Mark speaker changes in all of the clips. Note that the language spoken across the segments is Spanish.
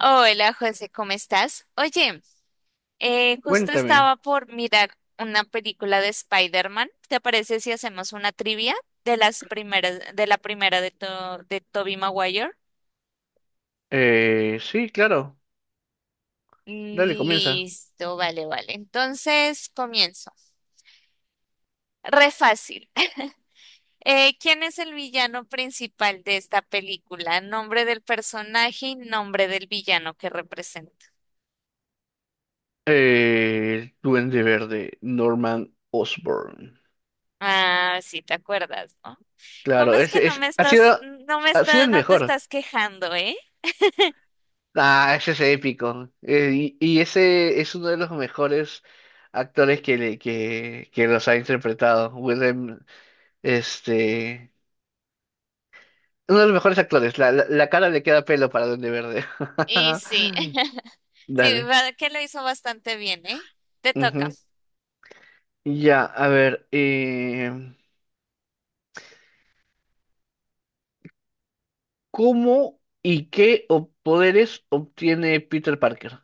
Speaker 1: Hola José, ¿cómo estás? Oye, justo
Speaker 2: Cuéntame.
Speaker 1: estaba por mirar una película de Spider-Man. ¿Te parece si hacemos una trivia de las primeras, de la primera de, de Tobey Maguire?
Speaker 2: Sí, claro. Dale, comienza.
Speaker 1: Listo, vale, vale. Entonces comienzo. Re fácil. ¿Quién es el villano principal de esta película? Nombre del personaje y nombre del villano que representa.
Speaker 2: El Duende Verde, Norman Osborn.
Speaker 1: Ah, sí, te acuerdas, ¿no? ¿Cómo
Speaker 2: Claro,
Speaker 1: es que
Speaker 2: ese
Speaker 1: no
Speaker 2: es,
Speaker 1: me estás, no me
Speaker 2: ha sido
Speaker 1: está,
Speaker 2: el
Speaker 1: no te
Speaker 2: mejor.
Speaker 1: estás quejando, eh?
Speaker 2: Ah, ese es épico. Y ese es uno de los mejores actores que los ha interpretado. Willem, este, uno de los mejores actores. La cara le queda pelo para Duende Verde.
Speaker 1: Y sí, sí,
Speaker 2: Dale.
Speaker 1: que lo hizo bastante bien, ¿eh? Te toca.
Speaker 2: Ujú. Ya, a ver. ¿Cómo y qué ob- poderes obtiene Peter Parker?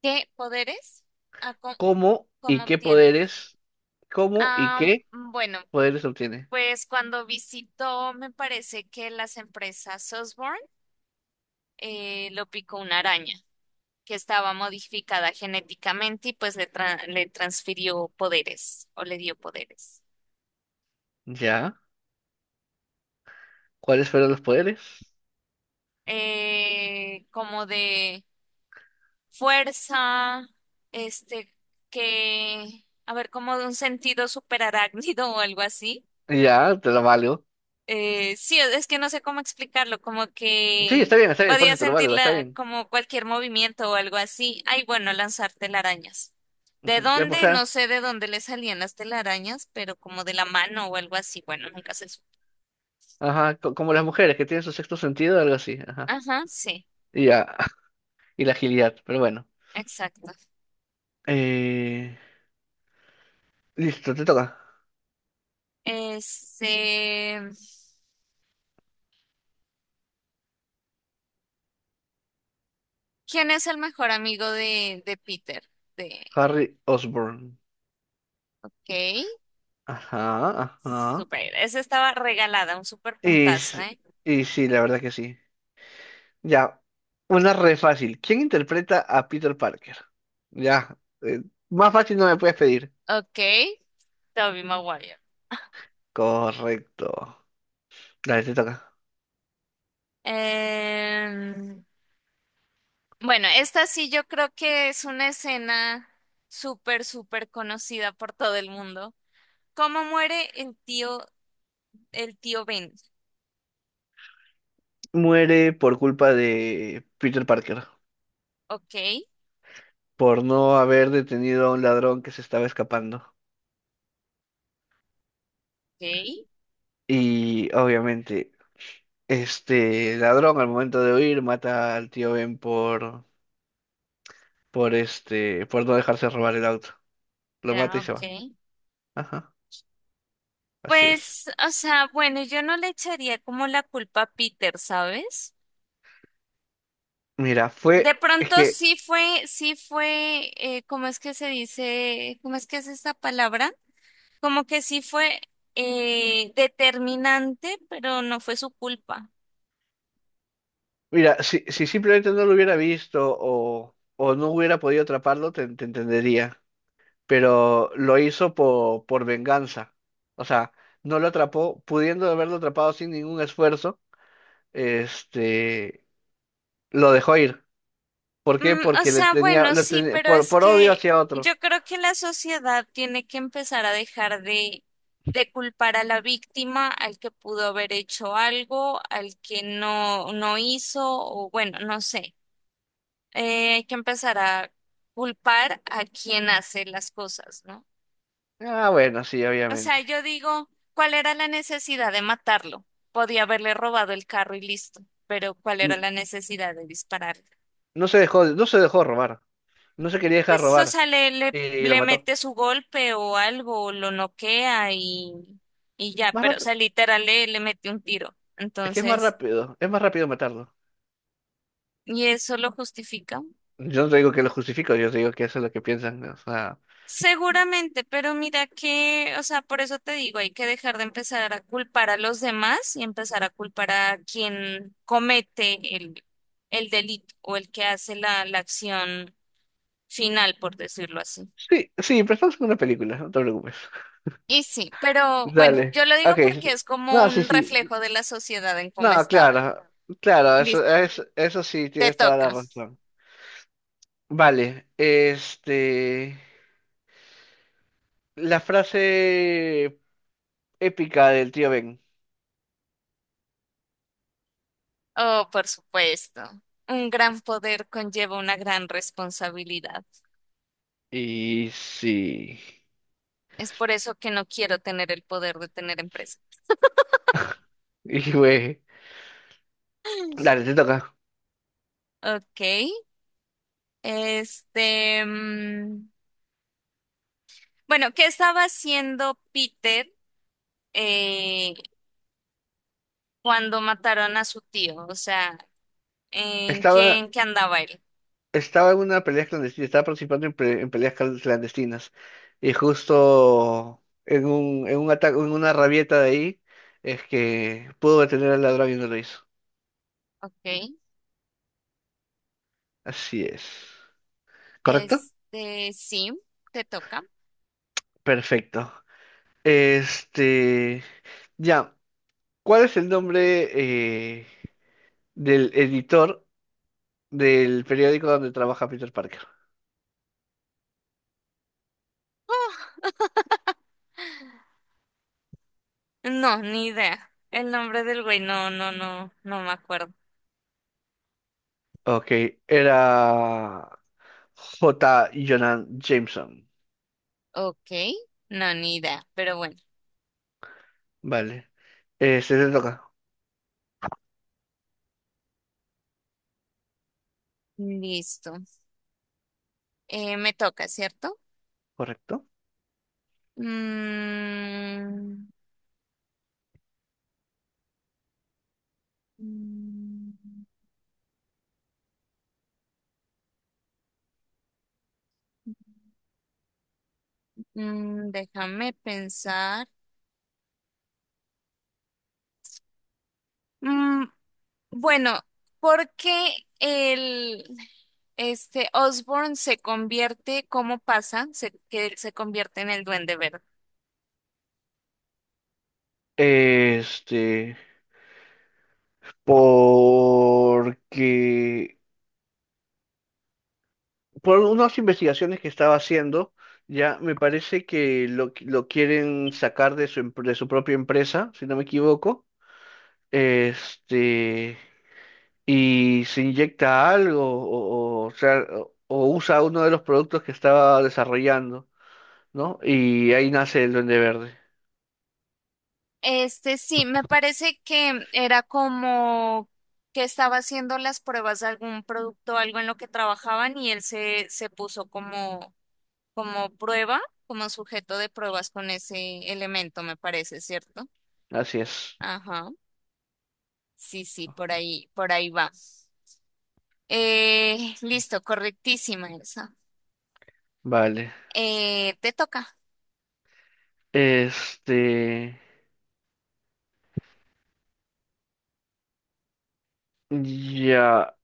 Speaker 1: ¿Qué poderes? Ah, ¿cómo,
Speaker 2: ¿Cómo
Speaker 1: ¿Cómo
Speaker 2: y qué
Speaker 1: obtiene?
Speaker 2: poderes? ¿Cómo y
Speaker 1: Ah,
Speaker 2: qué
Speaker 1: bueno,
Speaker 2: poderes obtiene?
Speaker 1: pues cuando visitó, me parece que las empresas Sosborn, lo picó una araña que estaba modificada genéticamente y pues le transfirió poderes o le dio poderes.
Speaker 2: Ya, ¿cuáles fueron los poderes?
Speaker 1: Como de fuerza, este, que, a ver, como de un sentido superarácnido o algo así.
Speaker 2: Ya, te lo valgo.
Speaker 1: Sí, es que no sé cómo explicarlo, como
Speaker 2: Sí,
Speaker 1: que
Speaker 2: está bien, por
Speaker 1: podía
Speaker 2: eso te lo valgo, está
Speaker 1: sentirla
Speaker 2: bien.
Speaker 1: como cualquier movimiento o algo así. Ay, bueno, lanzar telarañas. ¿De
Speaker 2: Ujú. Ya, pues,
Speaker 1: dónde?
Speaker 2: ya.
Speaker 1: No sé de dónde le salían las telarañas, pero como de la mano o algo así. Bueno, nunca se supo.
Speaker 2: Ajá, como las mujeres que tienen su sexto sentido, algo así, ajá.
Speaker 1: Ajá, sí,
Speaker 2: Ya, y la agilidad, pero bueno.
Speaker 1: exacto.
Speaker 2: Eh, Listo, te toca.
Speaker 1: Este, ¿Quién es el mejor amigo de Peter? De
Speaker 2: Harry Osborn.
Speaker 1: Kate.
Speaker 2: Ajá, ajá.
Speaker 1: Super, esa estaba regalada, un super
Speaker 2: Y,
Speaker 1: puntazo,
Speaker 2: s-
Speaker 1: ¿eh?
Speaker 2: y sí, la verdad que sí. Ya, una re fácil. ¿Quién interpreta a Peter Parker? Ya, eh, más fácil no me puedes pedir.
Speaker 1: Ok. Tobey Maguire.
Speaker 2: Correcto. Dale, te toca.
Speaker 1: Em, bueno, esta sí yo creo que es una escena súper, súper conocida por todo el mundo. ¿Cómo muere el tío Ben?
Speaker 2: Muere por culpa de Peter Parker,
Speaker 1: Ok.
Speaker 2: por no haber detenido a un ladrón que se estaba escapando.
Speaker 1: Ok,
Speaker 2: Y obviamente, este ladrón al momento de huir mata al tío Ben por este, por no dejarse robar el auto. Lo mata
Speaker 1: ya,
Speaker 2: y se va.
Speaker 1: ok.
Speaker 2: Ajá, así es.
Speaker 1: Pues, o sea, bueno, yo no le echaría como la culpa a Peter, ¿sabes?
Speaker 2: Mira,
Speaker 1: De
Speaker 2: fue, es
Speaker 1: pronto
Speaker 2: que
Speaker 1: sí fue, ¿cómo es que se dice? ¿Cómo es que es esta palabra? Como que sí fue determinante, pero no fue su culpa.
Speaker 2: Mira, si simplemente no lo hubiera visto o no hubiera podido atraparlo, te entendería. Pero lo hizo por venganza. O sea, no lo atrapó, pudiendo haberlo atrapado sin ningún esfuerzo, este, lo dejó ir. ¿Por qué?
Speaker 1: Mm, o
Speaker 2: Porque le
Speaker 1: sea,
Speaker 2: tenía,
Speaker 1: bueno,
Speaker 2: lo
Speaker 1: sí,
Speaker 2: tenía-
Speaker 1: pero es
Speaker 2: por odio
Speaker 1: que
Speaker 2: hacia otro.
Speaker 1: yo creo que la sociedad tiene que empezar a dejar de culpar a la víctima, al que pudo haber hecho algo, al que no, no hizo, o bueno, no sé. Hay que empezar a culpar a quien hace las cosas, ¿no?
Speaker 2: Ah, bueno, sí,
Speaker 1: O
Speaker 2: obviamente.
Speaker 1: sea, yo digo, ¿cuál era la necesidad de matarlo? Podía haberle robado el carro y listo, pero ¿cuál era
Speaker 2: N-
Speaker 1: la necesidad de dispararle?
Speaker 2: No se dejó, no se dejó robar. No se quería dejar
Speaker 1: Pues, o
Speaker 2: robar.
Speaker 1: sea,
Speaker 2: Y lo
Speaker 1: le
Speaker 2: mató.
Speaker 1: mete su golpe o algo, lo noquea y ya,
Speaker 2: Más
Speaker 1: pero, o
Speaker 2: rápido.
Speaker 1: sea, literal le mete un tiro.
Speaker 2: Es que es más
Speaker 1: Entonces,
Speaker 2: rápido. Es más rápido matarlo.
Speaker 1: ¿y eso lo justifica?
Speaker 2: Yo no te digo que lo justifico, yo te digo que eso es lo que piensan. O sea,
Speaker 1: Seguramente, pero mira que, o sea, por eso te digo, hay que dejar de empezar a culpar a los demás y empezar a culpar a quien comete el delito o el que hace la acción final, por decirlo así.
Speaker 2: sí, sí, pero estamos en una película, no te preocupes.
Speaker 1: Y sí, pero bueno,
Speaker 2: Dale.
Speaker 1: yo lo digo
Speaker 2: Ok.
Speaker 1: porque es como
Speaker 2: No, sí,
Speaker 1: un
Speaker 2: sí.
Speaker 1: reflejo de la sociedad en cómo
Speaker 2: No,
Speaker 1: está ahora.
Speaker 2: claro. Claro,
Speaker 1: Listo,
Speaker 2: eso sí,
Speaker 1: te
Speaker 2: tienes toda la
Speaker 1: toca.
Speaker 2: razón. Vale. Este. La frase épica del tío Ben.
Speaker 1: Oh, por supuesto. Un gran poder conlleva una gran responsabilidad.
Speaker 2: Y sí.
Speaker 1: Es por eso que no quiero tener el poder de tener empresa.
Speaker 2: Y güey. Dale, te toca.
Speaker 1: Ok, este, mm, bueno, ¿qué estaba haciendo Peter eh, cuando mataron a su tío? O sea,
Speaker 2: Estaba
Speaker 1: ¿en qué andaba él?
Speaker 2: Estaba en una pelea clandestina, estaba participando en peleas clandestinas. Y justo en un ataque, en una rabieta de ahí, es que pudo detener al ladrón y no lo hizo.
Speaker 1: Ok,
Speaker 2: Así es. ¿Correcto?
Speaker 1: este, sí, te toca.
Speaker 2: Perfecto. Este. Ya. ¿Cuál es el nombre eh, del editor del periódico donde trabaja Peter Parker?
Speaker 1: No, ni idea. El nombre del güey, no me acuerdo.
Speaker 2: Ok, era J. Jonan Jameson.
Speaker 1: Ok, no, ni idea, pero bueno,
Speaker 2: Vale. Se te toca,
Speaker 1: listo. Me toca, ¿cierto?
Speaker 2: ¿correcto?
Speaker 1: Mm, mm, Déjame pensar. Mm, bueno, porque el este Osborn se convierte, ¿cómo pasa? Que él se convierte en el Duende Verde.
Speaker 2: Este, porque por unas investigaciones que estaba haciendo, ya me parece que lo quieren sacar de de su propia empresa, si no me equivoco. Este, y se inyecta algo, o usa uno de los productos que estaba desarrollando, ¿no? Y ahí nace el Duende Verde.
Speaker 1: Este sí, me parece que era como que estaba haciendo las pruebas de algún producto, algo en lo que trabajaban y se puso como, como prueba, como sujeto de pruebas con ese elemento, me parece, ¿cierto?
Speaker 2: Así es.
Speaker 1: Ajá. Sí, sí, por ahí va. Listo, correctísima esa.
Speaker 2: Vale.
Speaker 1: Te toca.
Speaker 2: Este, ya.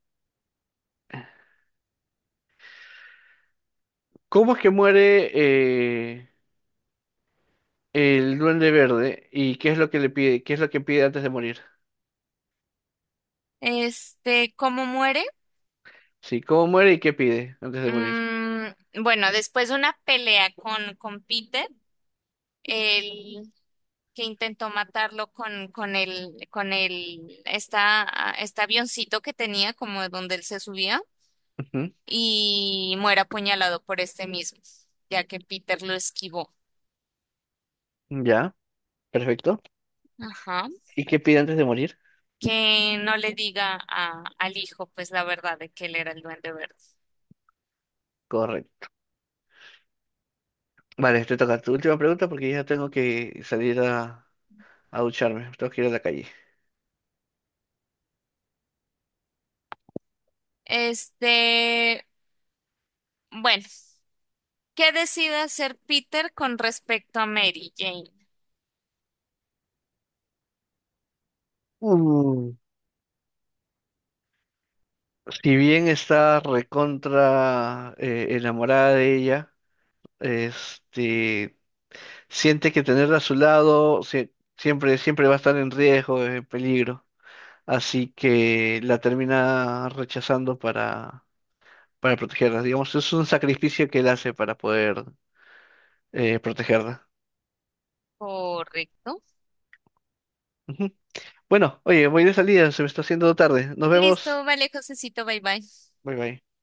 Speaker 2: ¿Cómo es que muere eh, el Duende Verde y qué es lo que le pide? ¿Qué es lo que pide antes de morir?
Speaker 1: Este, ¿cómo muere?
Speaker 2: Sí, ¿cómo muere y qué pide antes de morir?
Speaker 1: Mm, bueno, después de una pelea con Peter, el que intentó matarlo con, con el, esta, este avioncito que tenía, como de donde él se subía,
Speaker 2: Ujú.
Speaker 1: y muere apuñalado por este mismo, ya que Peter lo esquivó.
Speaker 2: Ya, perfecto.
Speaker 1: Ajá.
Speaker 2: ¿Y qué pide antes de morir?
Speaker 1: Que no le diga al hijo, pues la verdad de que él era el duende verde.
Speaker 2: Correcto. Vale, te toca tu última pregunta porque ya tengo que salir a ducharme, tengo que ir a la calle.
Speaker 1: Este, bueno, ¿qué decide hacer Peter con respecto a Mary Jane?
Speaker 2: Uh, si bien está recontra enamorada de ella, este, siente que tenerla a su lado siempre, siempre va a estar en riesgo, en peligro. Así que la termina rechazando para protegerla. Digamos, es un sacrificio que él hace para poder protegerla.
Speaker 1: Correcto.
Speaker 2: Ujú. Bueno, oye, voy de salida, se me está haciendo tarde. Nos vemos.
Speaker 1: Listo, vale, Josecito, bye bye.
Speaker 2: Bye bye.